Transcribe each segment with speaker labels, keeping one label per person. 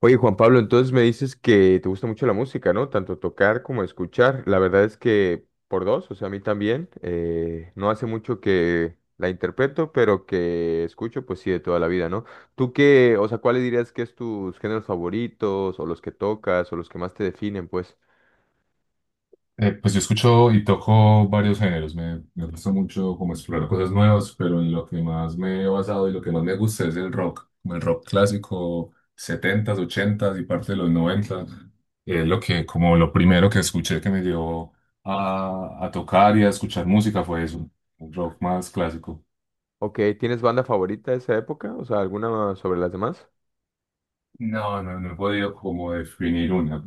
Speaker 1: Oye, Juan Pablo, entonces me dices que te gusta mucho la música, ¿no? Tanto tocar como escuchar. La verdad es que por dos, o sea, a mí también. No hace mucho que la interpreto, pero que escucho, pues sí, de toda la vida, ¿no? ¿Tú qué, o sea, cuáles dirías que es tus géneros favoritos, o los que tocas, o los que más te definen, pues?
Speaker 2: Pues yo escucho y toco varios géneros. Me gusta mucho como explorar cosas nuevas, pero en lo que más me he basado y lo que más me gusta es el rock, como el rock clásico, setentas, ochentas y parte de los noventa. Es lo que, como lo primero que escuché que me llevó a tocar y a escuchar música fue eso, un rock más clásico.
Speaker 1: Ok, ¿tienes banda favorita de esa época? O sea, ¿alguna sobre las demás?
Speaker 2: No, no, no he podido como definir una.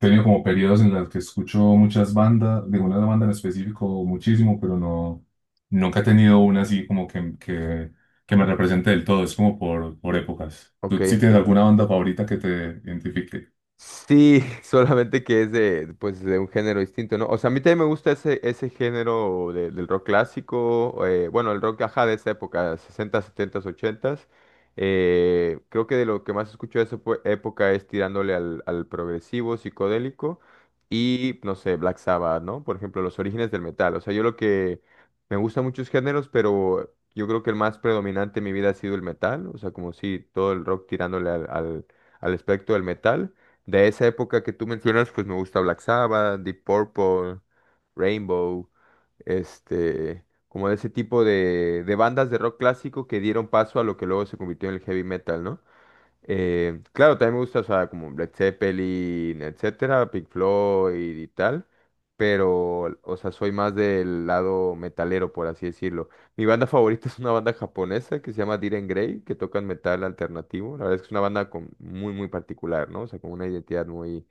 Speaker 2: He tenido como periodos en los que escucho muchas bandas, de una banda en específico muchísimo, pero no, nunca he tenido una así como que me represente del todo. Es como por épocas.
Speaker 1: Ok,
Speaker 2: ¿Tú sí tienes
Speaker 1: entiendo.
Speaker 2: alguna banda favorita que te identifique?
Speaker 1: Sí, solamente que es de, pues, de un género distinto, ¿no? O sea, a mí también me gusta ese género del rock clásico, bueno, el rock, ajá, de esa época, 60, 70, 80. Creo que de lo que más escucho de esa época es tirándole al progresivo, psicodélico y, no sé, Black Sabbath, ¿no? Por ejemplo, los orígenes del metal. O sea, yo lo que me gustan muchos géneros, pero yo creo que el más predominante en mi vida ha sido el metal. O sea, como si todo el rock tirándole al espectro del metal. De esa época que tú mencionas, pues me gusta Black Sabbath, Deep Purple, Rainbow, como de ese tipo de bandas de rock clásico que dieron paso a lo que luego se convirtió en el heavy metal, ¿no? Claro, también me gusta, o sea, como Led Zeppelin, etcétera, Pink Floyd y tal, pero, o sea, soy más del lado metalero, por así decirlo. Mi banda favorita es una banda japonesa que se llama Diren Grey, que tocan metal alternativo. La verdad es que es una banda con, muy, muy particular, ¿no? O sea, con una identidad muy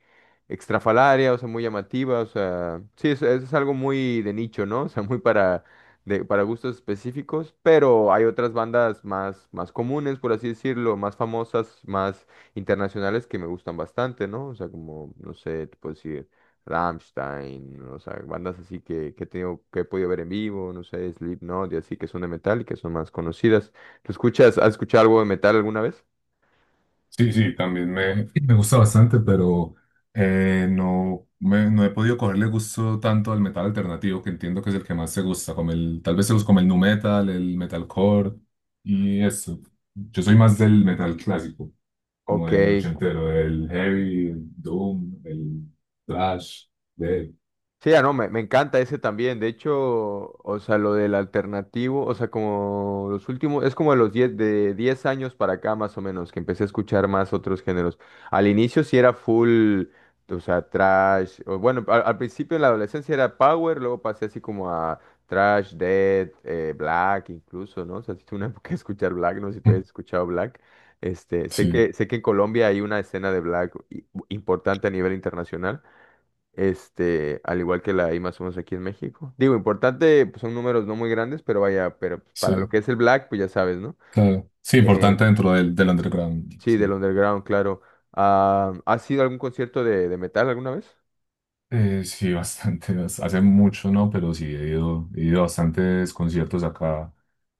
Speaker 1: extrafalaria, o sea, muy llamativa, o sea, sí, es, algo muy de nicho, ¿no? O sea, muy para para gustos específicos, pero hay otras bandas más comunes, por así decirlo, más famosas, más internacionales que me gustan bastante, ¿no? O sea, como, no sé, te puedo decir Rammstein, o sea, bandas así que he tenido, que he podido ver en vivo, no sé, Slipknot y así, que son de metal y que son más conocidas. ¿Tú escuchas, has escuchado algo de metal alguna vez?
Speaker 2: Sí, sí, también me gusta bastante, pero no, no he podido cogerle gusto tanto al metal alternativo, que entiendo que es el que más se gusta, como el, tal vez se los como el nu metal, el metalcore y eso. Yo soy más del metal clásico, como
Speaker 1: Ok,
Speaker 2: el ochentero, el heavy, el doom, el thrash, de...
Speaker 1: sí, ah, no, me encanta ese también. De hecho, o sea, lo del alternativo, o sea, como los últimos, es como de los diez años para acá más o menos, que empecé a escuchar más otros géneros. Al inicio sí era full, o sea, trash, o bueno, al principio en la adolescencia era power, luego pasé así como a trash, dead, black incluso, ¿no? O sea, sí tuve una época de escuchar black, no sé si tú has escuchado black. Este, sé
Speaker 2: Sí,
Speaker 1: que, sé que en Colombia hay una escena de black importante a nivel internacional. Al igual que la I más unos aquí en México. Digo, importante, pues son números no muy grandes, pero vaya, pero pues, para lo
Speaker 2: sí,
Speaker 1: que es el Black, pues ya sabes, ¿no?
Speaker 2: claro. Sí,
Speaker 1: Eh,
Speaker 2: importante dentro del underground.
Speaker 1: sí, del
Speaker 2: Sí.
Speaker 1: underground, claro. Ah, ¿has ido a algún concierto de metal alguna vez?
Speaker 2: Sí, bastante. Hace mucho, ¿no? Pero sí, he ido a bastantes conciertos acá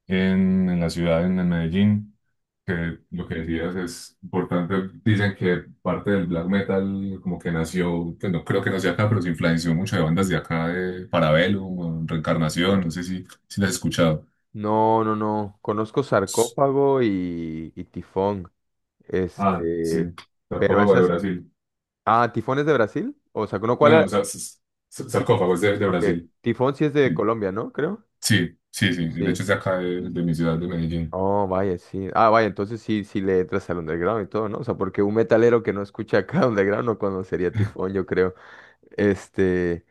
Speaker 2: en la ciudad, en Medellín, que lo que decías es importante. Dicen que parte del black metal como que nació, pues no creo que nació acá, pero se influenció mucho de bandas de acá, de Parabellum, Reencarnación, no sé si las has escuchado.
Speaker 1: No, no, no. Conozco
Speaker 2: S-
Speaker 1: Sarcófago y Tifón.
Speaker 2: Ah, sí,
Speaker 1: Este, pero
Speaker 2: Sarcófago de
Speaker 1: esas.
Speaker 2: Brasil.
Speaker 1: Ah, ¿Tifón es de Brasil? O sea, ¿no cuál
Speaker 2: No, no,
Speaker 1: era? Ti-
Speaker 2: Sarcófago es de
Speaker 1: Ok,
Speaker 2: Brasil.
Speaker 1: Tifón sí es de
Speaker 2: Sí,
Speaker 1: Colombia, ¿no? Creo.
Speaker 2: sí, de
Speaker 1: Sí.
Speaker 2: hecho es de acá, de mi ciudad, de Medellín.
Speaker 1: Oh, vaya, sí. Ah, vaya, entonces sí le entras al underground y todo, ¿no? O sea, porque un metalero que no escucha acá underground no conocería Tifón, yo creo. Este.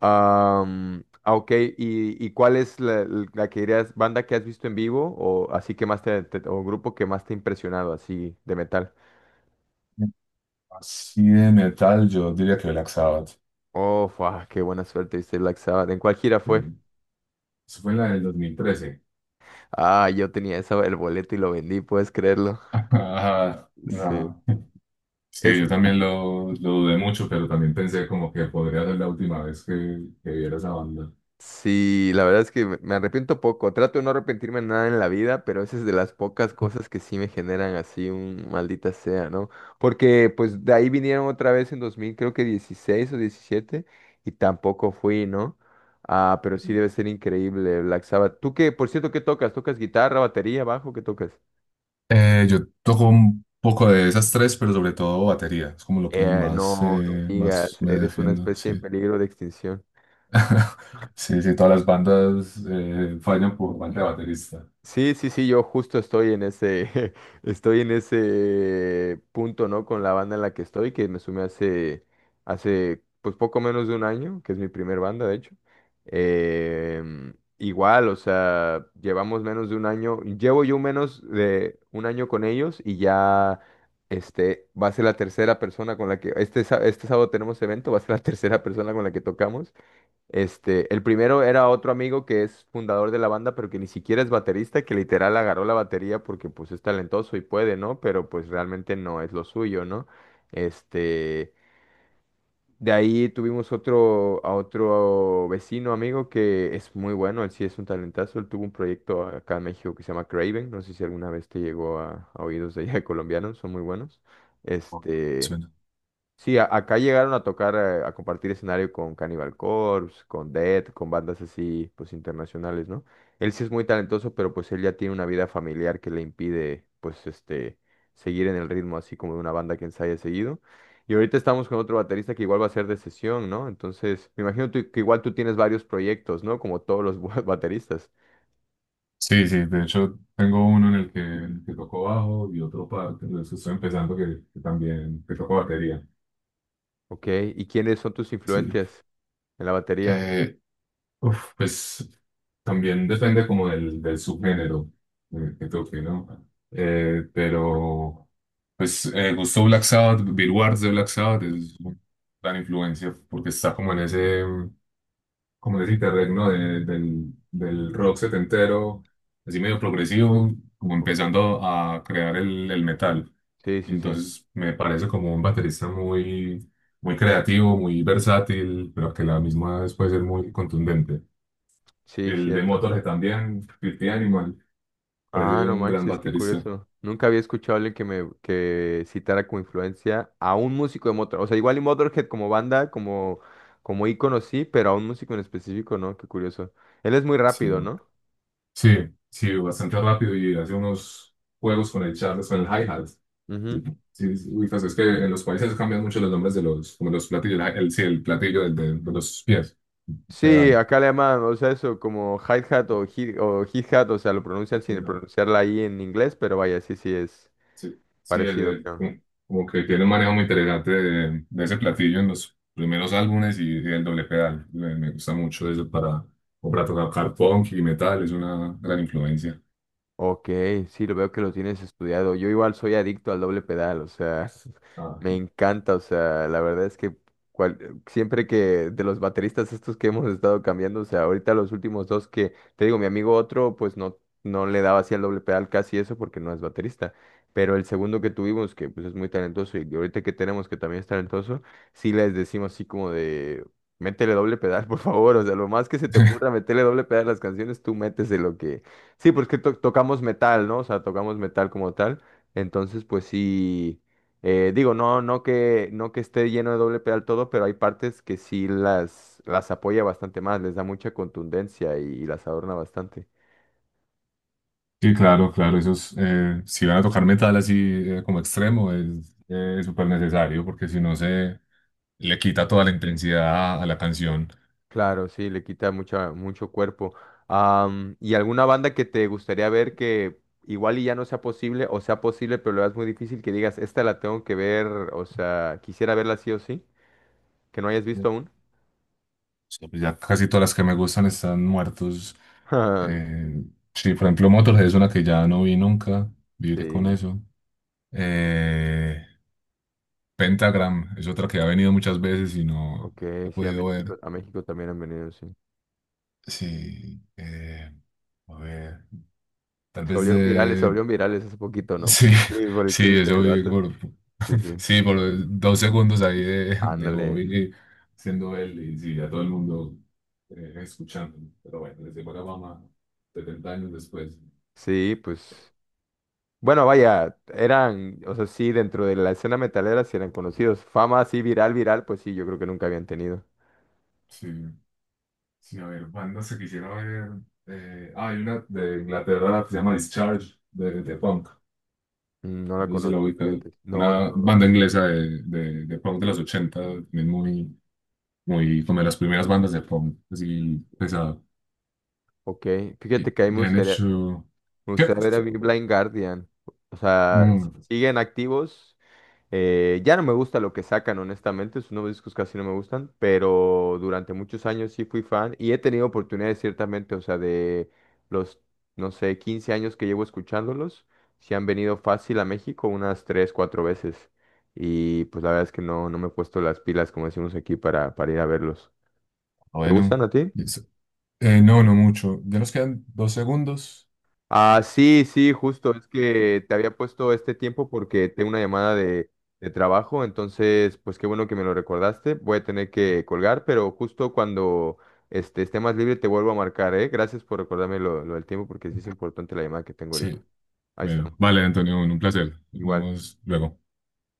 Speaker 1: Ok, ¿y cuál es la que dirías, banda que has visto en vivo o así que más o grupo que más te ha impresionado así de metal?
Speaker 2: Así de metal, yo diría que Black Sabbath.
Speaker 1: Oh, fua, qué buena suerte, viste Black Sabbath. ¿En cuál gira
Speaker 2: Sí.
Speaker 1: fue?
Speaker 2: Eso fue la del 2013.
Speaker 1: Ah, yo tenía esa, el boleto y lo vendí, ¿puedes creerlo?
Speaker 2: Ajá,
Speaker 1: Sí.
Speaker 2: no. Sí,
Speaker 1: Es
Speaker 2: yo también lo dudé mucho, pero también pensé como que podría ser la última vez que viera esa banda.
Speaker 1: Sí, la verdad es que me arrepiento poco. Trato de no arrepentirme de nada en la vida, pero esa es de las pocas cosas que sí me generan así un maldita sea, ¿no? Porque pues de ahí vinieron otra vez en 2000, creo que 16 o 17, y tampoco fui, ¿no? Ah, pero sí debe ser increíble Black Sabbath. ¿Tú qué, por cierto, qué tocas? ¿Tocas guitarra, batería, bajo? ¿Qué tocas?
Speaker 2: Yo toco un poco de esas tres, pero sobre todo batería. Es como lo que
Speaker 1: No,
Speaker 2: más,
Speaker 1: no digas,
Speaker 2: más me
Speaker 1: eres una
Speaker 2: defiendo,
Speaker 1: especie en
Speaker 2: sí.
Speaker 1: peligro de extinción.
Speaker 2: Sí, sí, todas las bandas fallan por falta de baterista.
Speaker 1: Sí, sí, sí, yo justo estoy en ese, estoy en ese punto, ¿no? Con la banda en la que estoy, que me sumé hace, pues poco menos de un año, que es mi primer banda, de hecho. Em, igual, o sea, llevamos menos de un año, llevo yo menos de un año con ellos y ya, va a ser la tercera persona con la que, este sábado tenemos evento, va a ser la tercera persona con la que tocamos. El primero era otro amigo que es fundador de la banda, pero que ni siquiera es baterista, que literal agarró la batería porque pues es talentoso y puede, ¿no? Pero pues realmente no es lo suyo, ¿no? Este, de ahí tuvimos a otro vecino amigo que es muy bueno, él sí es un talentazo, él tuvo un proyecto acá en México que se llama Craven, no sé si alguna vez te llegó a oídos de allá de colombianos, son muy buenos. Este, Sí acá llegaron a tocar, a compartir escenario con Cannibal Corpse, con Death, con bandas así, pues internacionales, ¿no? Él sí es muy talentoso, pero pues él ya tiene una vida familiar que le impide, pues, seguir en el ritmo así como de una banda que ensaya seguido. Y ahorita estamos con otro baterista que igual va a ser de sesión, ¿no? Entonces, me imagino que igual tú tienes varios proyectos, ¿no? Como todos los bateristas.
Speaker 2: Sí, sí, de hecho tengo uno en el que toco bajo y otro para, que estoy empezando que también que toco batería.
Speaker 1: Ok, ¿y quiénes son tus
Speaker 2: Sí.
Speaker 1: influencias en la batería?
Speaker 2: Eh, pues también depende como del subgénero que toque, ¿no? Eh, pero gustó Black Sabbath, Bill Ward de Black Sabbath es una gran influencia porque está como en ese, como decirte, regno del rock setentero, así medio progresivo, como
Speaker 1: Ok,
Speaker 2: empezando a crear el metal.
Speaker 1: sí, sí, sí,
Speaker 2: Entonces me parece como un baterista muy, muy creativo, muy versátil, pero que a la misma vez puede ser muy contundente.
Speaker 1: sí,
Speaker 2: El de
Speaker 1: cierto.
Speaker 2: Motorhead también, Filthy Animal, parece
Speaker 1: Ah, no
Speaker 2: un gran
Speaker 1: manches, qué
Speaker 2: baterista.
Speaker 1: curioso. Nunca había escuchado a alguien que citara como influencia a un músico de Motorhead. O sea, igual y Motorhead como banda, como ícono sí, pero a un músico en específico, ¿no? Qué curioso. Él es muy
Speaker 2: Sí,
Speaker 1: rápido, ¿no?
Speaker 2: sí, sí, bastante rápido y hace unos juegos con el Charles, con el hi-hat. Sí,
Speaker 1: Ujú.
Speaker 2: sí, pues es que en los países cambian mucho los nombres de los, como los platillos, el platillo de los pies,
Speaker 1: Sí,
Speaker 2: pedal,
Speaker 1: acá le llaman, o sea, eso como hi-hat o hi-hat, o sea, lo pronuncian sin
Speaker 2: pedal,
Speaker 1: pronunciarla ahí en inglés, pero vaya, sí, sí es
Speaker 2: sí, sí,
Speaker 1: parecido.
Speaker 2: como que tiene un manejo muy interesante de ese platillo en los primeros álbumes y el doble pedal, me gusta mucho eso para, como para tocar punk y metal, es una gran influencia.
Speaker 1: Ok, sí, lo veo que lo tienes estudiado. Yo igual soy adicto al doble pedal, o sea,
Speaker 2: Ah.
Speaker 1: me encanta, o sea, la verdad es que siempre que de los bateristas estos que hemos estado cambiando, o sea, ahorita los últimos dos que, te digo, mi amigo otro, pues no, no le daba así al doble pedal casi eso porque no es baterista, pero el segundo que tuvimos, que pues es muy talentoso y ahorita que tenemos que también es talentoso, sí les decimos así como de... Métele doble pedal, por favor. O sea, lo más que se te ocurra, métele doble pedal a las canciones, tú métese lo que... Sí, pues que tocamos metal, ¿no? O sea, tocamos metal como tal. Entonces, pues sí, digo, no, no que esté lleno de doble pedal todo, pero hay partes que sí las apoya bastante más, les da mucha contundencia y las adorna bastante.
Speaker 2: Sí, claro, claro, esos, si van a tocar metal así como extremo, es súper necesario porque si no se le quita toda la intensidad a la canción.
Speaker 1: Claro, sí, le quita mucho cuerpo. ¿Y alguna banda que te gustaría ver que igual y ya no sea posible, o sea posible, pero lo veas muy difícil que digas, esta la tengo que ver, o sea, quisiera verla sí o sí, que no hayas visto aún?
Speaker 2: Sí, pues ya casi todas las que me gustan están muertos. Eh, sí, por ejemplo, Motorhead es una que ya no vi nunca, viviré con
Speaker 1: Sí.
Speaker 2: eso. Eh, Pentagram es otra que ha venido muchas veces y no
Speaker 1: Ok,
Speaker 2: la he
Speaker 1: sí, a
Speaker 2: podido
Speaker 1: México,
Speaker 2: ver.
Speaker 1: a México también han venido, sí.
Speaker 2: Sí, a ver, tal
Speaker 1: Se
Speaker 2: vez
Speaker 1: volvieron virales, se
Speaker 2: de
Speaker 1: volvieron virales hace poquito, ¿no?
Speaker 2: sí,
Speaker 1: Por el clip, por el
Speaker 2: sí,
Speaker 1: clip
Speaker 2: eso
Speaker 1: del
Speaker 2: vi
Speaker 1: vato.
Speaker 2: por,
Speaker 1: Sí, sí.
Speaker 2: sí, por dos segundos ahí de
Speaker 1: Ándale.
Speaker 2: Bobby siendo él y sí, a todo el mundo escuchando. Pero bueno, les llegó la fama 70 años después.
Speaker 1: Sí, pues. Bueno, vaya, eran, o sea, sí, dentro de la escena metalera sí eran conocidos. Fama así viral, viral, pues sí, yo creo que nunca habían tenido.
Speaker 2: Sí, sí, a ver, bandas que quisiera ver. Hay una de Inglaterra que se llama Discharge, de punk.
Speaker 1: No la
Speaker 2: No sé si la
Speaker 1: conozco,
Speaker 2: ubicas.
Speaker 1: fíjate. No, no,
Speaker 2: Una
Speaker 1: no.
Speaker 2: banda inglesa de punk de los 80, también muy, muy como de las primeras bandas de punk, así pesado.
Speaker 1: Ok, fíjate que ahí me
Speaker 2: Y han
Speaker 1: gustaría,
Speaker 2: hecho...
Speaker 1: me
Speaker 2: ¿Qué?
Speaker 1: gustaría ver a Blind Guardian. O sea,
Speaker 2: Mm,
Speaker 1: ¿siguen activos? Ya no me gusta lo que sacan, honestamente, sus nuevos discos casi no me gustan, pero durante muchos años sí fui fan y he tenido oportunidades ciertamente, o sea, de los, no sé, 15 años que llevo escuchándolos, sí han venido fácil a México unas 3 4 veces y pues la verdad es que no, no me he puesto las pilas, como decimos aquí, para ir a verlos. ¿Te
Speaker 2: bueno.
Speaker 1: gustan a ti?
Speaker 2: Eso. No, no mucho. Ya nos quedan dos segundos.
Speaker 1: Ah, sí, sí, justo, es que te había puesto este tiempo porque tengo una llamada de trabajo, entonces, pues qué bueno que me lo recordaste, voy a tener que colgar, pero justo cuando esté más libre te vuelvo a marcar, ¿eh? Gracias por recordarme lo del tiempo porque sí es importante la llamada que tengo ahorita.
Speaker 2: Sí,
Speaker 1: Ahí
Speaker 2: bueno.
Speaker 1: estamos,
Speaker 2: Vale, Antonio, un placer. Nos
Speaker 1: igual.
Speaker 2: vemos luego.